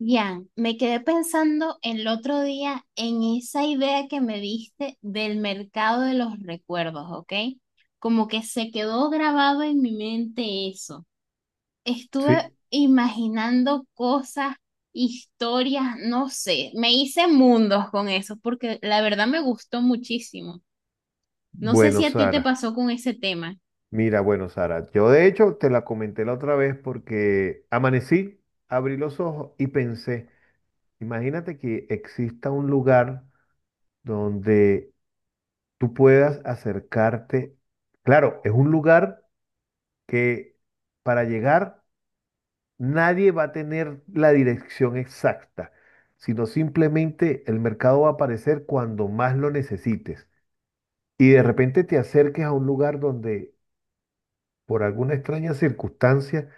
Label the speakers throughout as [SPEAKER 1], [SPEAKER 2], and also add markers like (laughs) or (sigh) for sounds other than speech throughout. [SPEAKER 1] Ya, me quedé pensando el otro día en esa idea que me diste del mercado de los recuerdos, ¿ok? Como que se quedó grabado en mi mente eso. Estuve
[SPEAKER 2] Sí,
[SPEAKER 1] imaginando cosas, historias, no sé, me hice mundos con eso porque la verdad me gustó muchísimo. No sé
[SPEAKER 2] bueno,
[SPEAKER 1] si a ti te
[SPEAKER 2] Sara.
[SPEAKER 1] pasó con ese tema.
[SPEAKER 2] Mira, bueno, Sara. Yo de hecho te la comenté la otra vez porque amanecí, abrí los ojos y pensé, imagínate que exista un lugar donde tú puedas acercarte. Claro, es un lugar que para llegar nadie va a tener la dirección exacta, sino simplemente el mercado va a aparecer cuando más lo necesites. Y de repente te acerques a un lugar donde por alguna extraña circunstancia,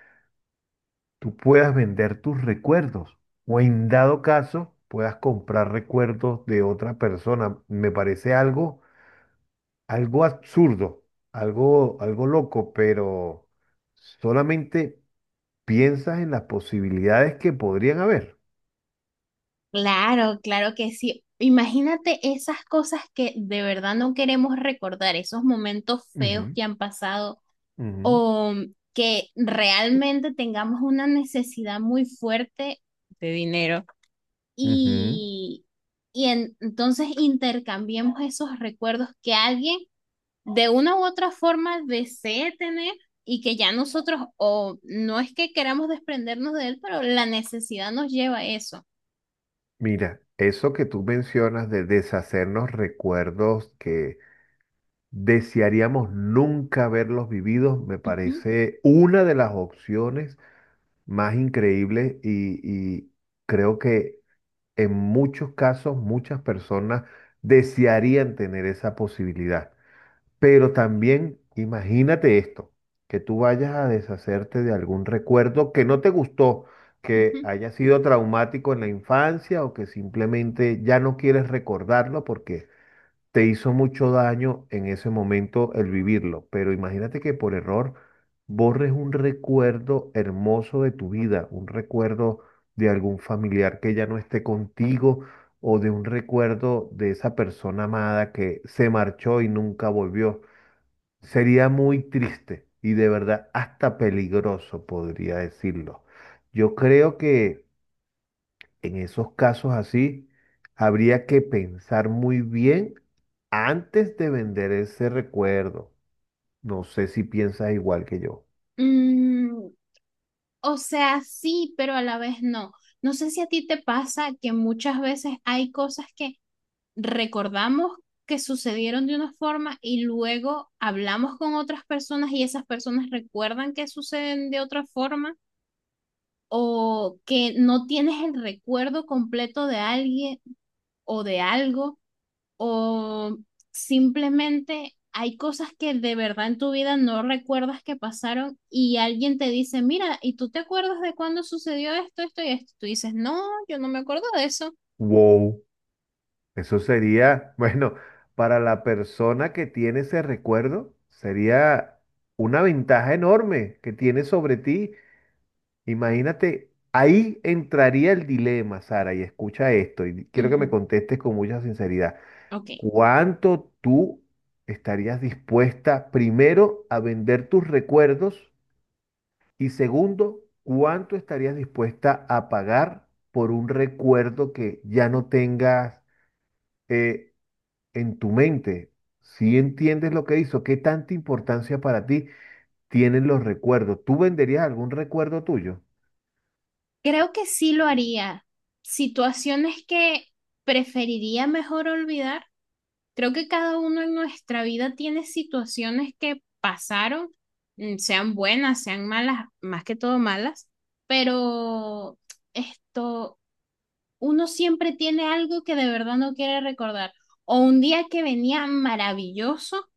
[SPEAKER 2] tú puedas vender tus recuerdos o en dado caso puedas comprar recuerdos de otra persona. Me parece algo absurdo, algo loco, pero solamente piensas en las posibilidades que podrían haber.
[SPEAKER 1] Claro, claro que sí. Imagínate esas cosas que de verdad no queremos recordar, esos momentos feos
[SPEAKER 2] Ujú,
[SPEAKER 1] que han pasado
[SPEAKER 2] ujú.
[SPEAKER 1] o que realmente tengamos una necesidad muy fuerte de dinero
[SPEAKER 2] Ujú.
[SPEAKER 1] y, y entonces intercambiemos esos recuerdos que alguien de una u otra forma desee tener y que ya nosotros o no es que queramos desprendernos de él, pero la necesidad nos lleva a eso.
[SPEAKER 2] Mira, eso que tú mencionas de deshacernos recuerdos que desearíamos nunca haberlos vivido, me
[SPEAKER 1] Ujú,
[SPEAKER 2] parece una de las opciones más increíbles y creo que en muchos casos muchas personas desearían tener esa posibilidad. Pero también imagínate esto, que tú vayas a deshacerte de algún recuerdo que no te gustó, que
[SPEAKER 1] ujú.
[SPEAKER 2] haya sido traumático en la infancia o que simplemente ya no quieres recordarlo porque te hizo mucho daño en ese momento el vivirlo, pero imagínate que por error borres un recuerdo hermoso de tu vida, un recuerdo de algún familiar que ya no esté contigo o de un recuerdo de esa persona amada que se marchó y nunca volvió. Sería muy triste y de verdad hasta peligroso, podría decirlo. Yo creo que... En esos casos así, habría que pensar muy bien antes de vender ese recuerdo. No sé si piensas igual que yo.
[SPEAKER 1] Mm, o sea, sí, pero a la vez no. No sé si a ti te pasa que muchas veces hay cosas que recordamos que sucedieron de una forma y luego hablamos con otras personas y esas personas recuerdan que suceden de otra forma o que no tienes el recuerdo completo de alguien o de algo o simplemente hay cosas que de verdad en tu vida no recuerdas que pasaron y alguien te dice, mira, ¿y tú te acuerdas de cuándo sucedió esto, esto y esto? Tú dices, no, yo no me acuerdo de eso.
[SPEAKER 2] Wow, eso sería, (laughs) bueno, para la persona que tiene ese recuerdo, sería una ventaja enorme que tiene sobre ti. Imagínate, ahí entraría el dilema, Sara, y escucha esto, y quiero que
[SPEAKER 1] Ujú.
[SPEAKER 2] me contestes con mucha sinceridad.
[SPEAKER 1] Ok,
[SPEAKER 2] ¿Cuánto tú estarías dispuesta, primero, a vender tus recuerdos? Y segundo, ¿cuánto estarías dispuesta a pagar por un recuerdo que ya no tengas eh, en tu mente? Si entiendes lo que hizo, ¿qué tanta importancia para ti tienen los recuerdos? ¿Tú venderías algún recuerdo tuyo?
[SPEAKER 1] creo que sí lo haría. Situaciones que preferiría mejor olvidar. Creo que cada uno en nuestra vida tiene situaciones que pasaron, sean buenas, sean malas, más que todo malas, pero esto uno siempre tiene algo que de verdad no quiere recordar. O un día que venía maravilloso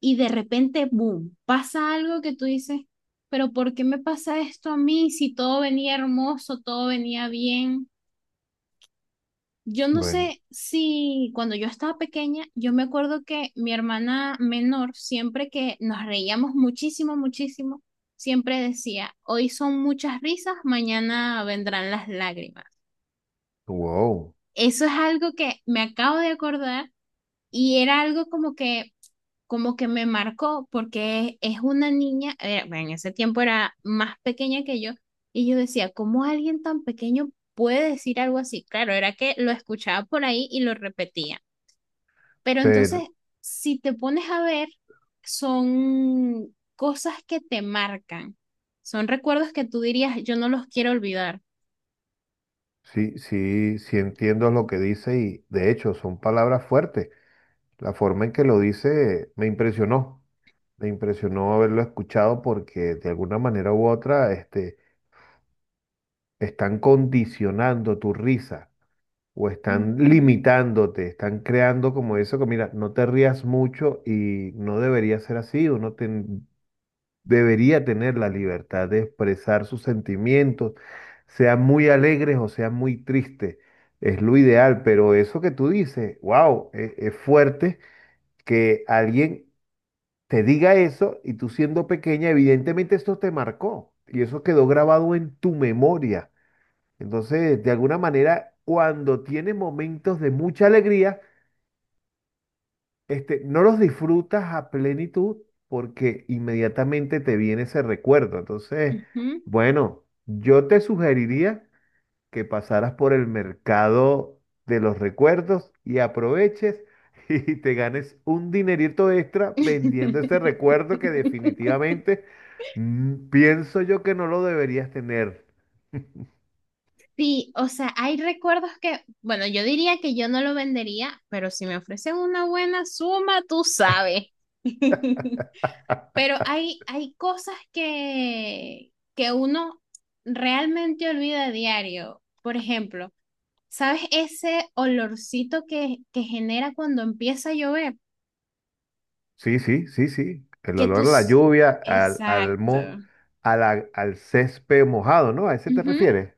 [SPEAKER 1] y de repente, boom, pasa algo que tú dices, pero ¿por qué me pasa esto a mí si todo venía hermoso, todo venía bien? Yo no
[SPEAKER 2] Bueno,
[SPEAKER 1] sé si cuando yo estaba pequeña, yo me acuerdo que mi hermana menor, siempre que nos reíamos muchísimo, muchísimo, siempre decía, hoy son muchas risas, mañana vendrán las lágrimas.
[SPEAKER 2] wow,
[SPEAKER 1] Eso es algo que me acabo de acordar. Y era algo como que me marcó porque es una niña, bueno, en ese tiempo era más pequeña que yo, y yo decía, ¿cómo alguien tan pequeño puede decir algo así? Claro, era que lo escuchaba por ahí y lo repetía. Pero
[SPEAKER 2] pero
[SPEAKER 1] entonces, si te pones a ver, son cosas que te marcan, son recuerdos que tú dirías, yo no los quiero olvidar.
[SPEAKER 2] sí, sí, sí entiendo lo que dice y de hecho son palabras fuertes. La forma en que lo dice me impresionó haberlo escuchado porque de alguna manera u otra están condicionando tu risa o están
[SPEAKER 1] Ujú,
[SPEAKER 2] limitándote, están creando como eso que mira, no te rías mucho y no debería ser así, debería tener la libertad de expresar sus sentimientos, sean muy alegres o sean muy tristes, es lo ideal, pero eso que tú dices, wow, es fuerte que alguien te diga eso y tú siendo pequeña, evidentemente esto te marcó y eso quedó grabado en tu memoria. Entonces, de alguna manera, cuando tienes momentos de mucha alegría, no los disfrutas a plenitud porque inmediatamente te viene ese recuerdo. Entonces,
[SPEAKER 1] ujú.
[SPEAKER 2] bueno, yo te sugeriría que pasaras por el mercado de los recuerdos y aproveches (laughs) y te ganes un dinerito extra vendiendo ese recuerdo que
[SPEAKER 1] (laughs)
[SPEAKER 2] definitivamente, pienso yo que no lo deberías tener.
[SPEAKER 1] Sí, o sea, hay recuerdos que, bueno, yo diría que yo no lo vendería, pero si me ofrecen una buena suma, tú sabes. (laughs)
[SPEAKER 2] (laughs)
[SPEAKER 1] Pero hay cosas que uno realmente olvida a diario. Por ejemplo, ¿sabes ese olorcito que genera cuando empieza a llover?
[SPEAKER 2] Sí, sí, sí, sí. El
[SPEAKER 1] Que
[SPEAKER 2] olor a la
[SPEAKER 1] tus...
[SPEAKER 2] lluvia, al, al,
[SPEAKER 1] Exacto.
[SPEAKER 2] mo- a la- al césped mojado, ¿no? ¿A ese te
[SPEAKER 1] Ujú.
[SPEAKER 2] refieres?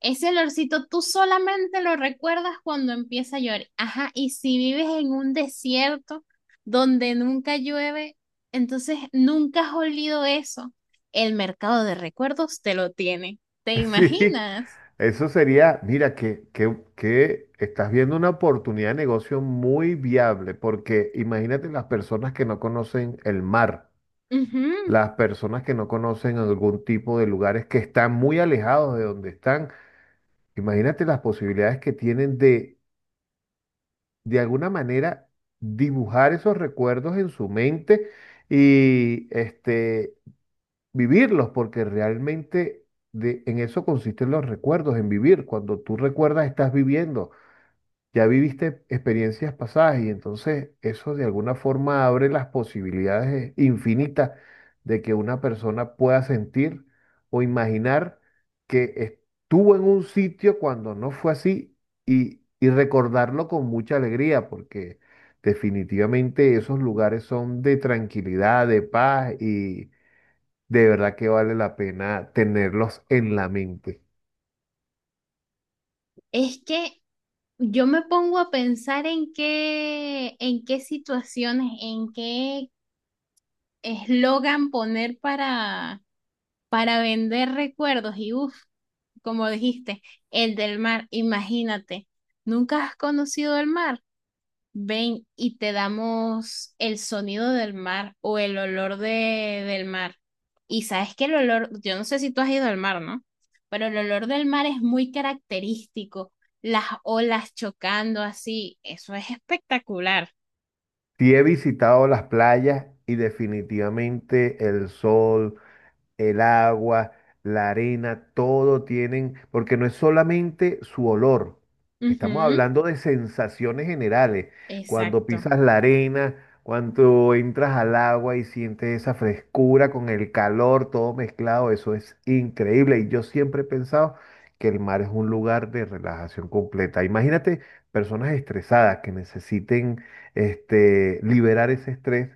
[SPEAKER 1] Ese olorcito tú solamente lo recuerdas cuando empieza a llover. Ajá, y si vives en un desierto donde nunca llueve, entonces nunca has olido eso. El mercado de recuerdos te lo tiene. ¿Te
[SPEAKER 2] (laughs) Sí,
[SPEAKER 1] imaginas?
[SPEAKER 2] eso sería, mira, que estás viendo una oportunidad de negocio muy viable, porque imagínate las personas que no conocen el mar,
[SPEAKER 1] Ujú.
[SPEAKER 2] las personas que no conocen algún tipo de lugares que están muy alejados de donde están. Imagínate las posibilidades que tienen de alguna manera, dibujar esos recuerdos en su mente y vivirlos, porque realmente en eso consisten los recuerdos, en vivir. Cuando tú recuerdas, estás viviendo. Ya viviste experiencias pasadas y entonces eso de alguna forma abre las posibilidades infinitas de que una persona pueda sentir o imaginar que estuvo en un sitio cuando no fue así y recordarlo con mucha alegría porque definitivamente esos lugares son de tranquilidad, de paz y de verdad que vale la pena tenerlos en la mente.
[SPEAKER 1] Es que yo me pongo a pensar en qué situaciones, en qué eslogan poner para vender recuerdos y uff. Como dijiste, el del mar, imagínate, ¿nunca has conocido el mar? Ven y te damos el sonido del mar o el olor del mar. Y sabes que el olor, yo no sé si tú has ido al mar, ¿no? Pero el olor del mar es muy característico, las olas chocando así, eso es espectacular.
[SPEAKER 2] Sí he visitado las playas y definitivamente el sol, el agua, la arena, todo tienen, porque no es solamente su olor, estamos
[SPEAKER 1] Ujú,
[SPEAKER 2] hablando de sensaciones generales. Cuando
[SPEAKER 1] exacto,
[SPEAKER 2] pisas la arena, cuando entras al agua y sientes esa frescura con el calor, todo mezclado, eso es increíble. Y yo siempre he pensado que el mar es un lugar de relajación completa. Imagínate personas estresadas que necesiten liberar ese estrés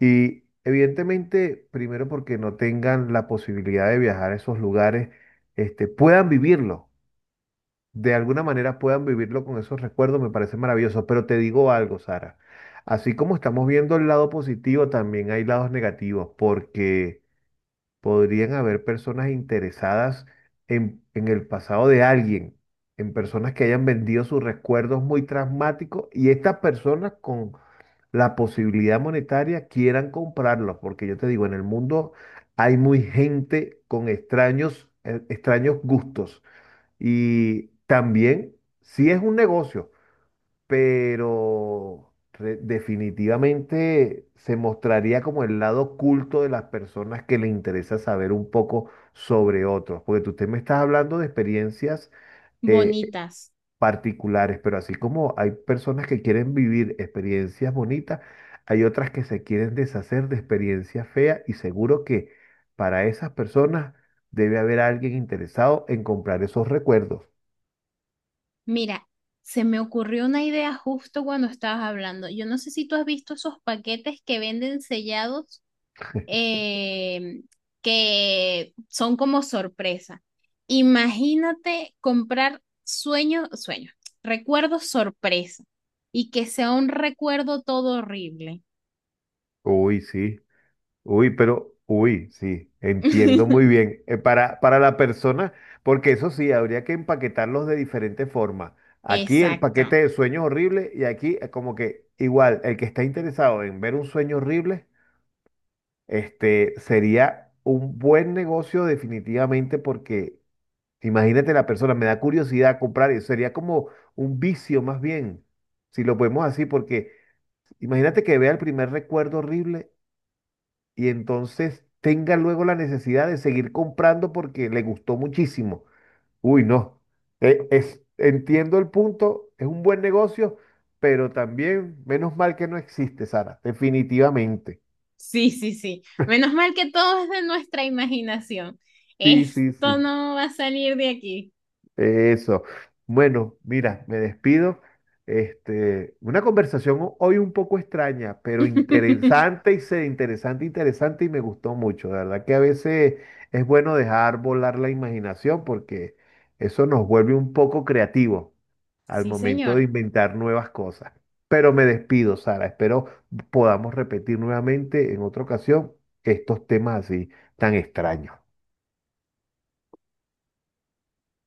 [SPEAKER 2] y evidentemente, primero porque no tengan la posibilidad de viajar a esos lugares, puedan vivirlo, de alguna manera puedan vivirlo con esos recuerdos, me parece maravilloso. Pero te digo algo, Sara, así como estamos viendo el lado positivo, también hay lados negativos, porque podrían haber personas interesadas en el pasado de alguien, en personas que hayan vendido sus recuerdos muy traumáticos y estas personas con la posibilidad monetaria quieran comprarlos, porque yo te digo, en el mundo hay muy gente con extraños gustos y también sí es un negocio, pero definitivamente se mostraría como el lado oculto de las personas que le interesa saber un poco sobre otros, porque usted me estás hablando de experiencias. eh,
[SPEAKER 1] bonitas.
[SPEAKER 2] Particulares, pero así como hay personas que quieren vivir experiencias bonitas, hay otras que se quieren deshacer de experiencias feas y seguro que para esas personas debe haber alguien interesado en comprar esos recuerdos.
[SPEAKER 1] Mira, se me ocurrió una idea justo cuando estabas hablando. Yo no sé si tú has visto esos paquetes que venden sellados, eh, que son como sorpresa. Imagínate comprar sueños, recuerdos sorpresa y que sea un recuerdo todo horrible.
[SPEAKER 2] Uy, sí, uy, pero, uy, sí, entiendo muy
[SPEAKER 1] (laughs)
[SPEAKER 2] bien. Para, la persona, porque eso sí, habría que empaquetarlos de diferentes formas. Aquí el paquete
[SPEAKER 1] Exacto.
[SPEAKER 2] de sueños horribles y aquí como que igual, el que está interesado en ver un sueño horrible. Este sería un buen negocio definitivamente porque imagínate la persona, me da curiosidad comprar eso, sería como un vicio más bien, si lo podemos así, porque imagínate que vea el primer recuerdo horrible y entonces tenga luego la necesidad de seguir comprando porque le gustó muchísimo. Uy, no, entiendo el punto, es un buen negocio, pero también menos mal que no existe, Sara, definitivamente.
[SPEAKER 1] Sí, sí, sí. Menos mal que todo es de nuestra imaginación.
[SPEAKER 2] Sí, sí, sí.
[SPEAKER 1] Esto no va a salir de aquí.
[SPEAKER 2] Eso. Bueno, mira, me despido. Una conversación hoy un poco extraña, pero
[SPEAKER 1] (laughs)
[SPEAKER 2] interesante y interesante y me gustó mucho. La verdad que a veces es bueno dejar volar la imaginación porque eso nos vuelve un poco creativos al
[SPEAKER 1] Sí,
[SPEAKER 2] momento
[SPEAKER 1] señor.
[SPEAKER 2] de inventar nuevas cosas. Pero me despido, Sara. Espero podamos repetir nuevamente en otra ocasión estos temas así tan extraños.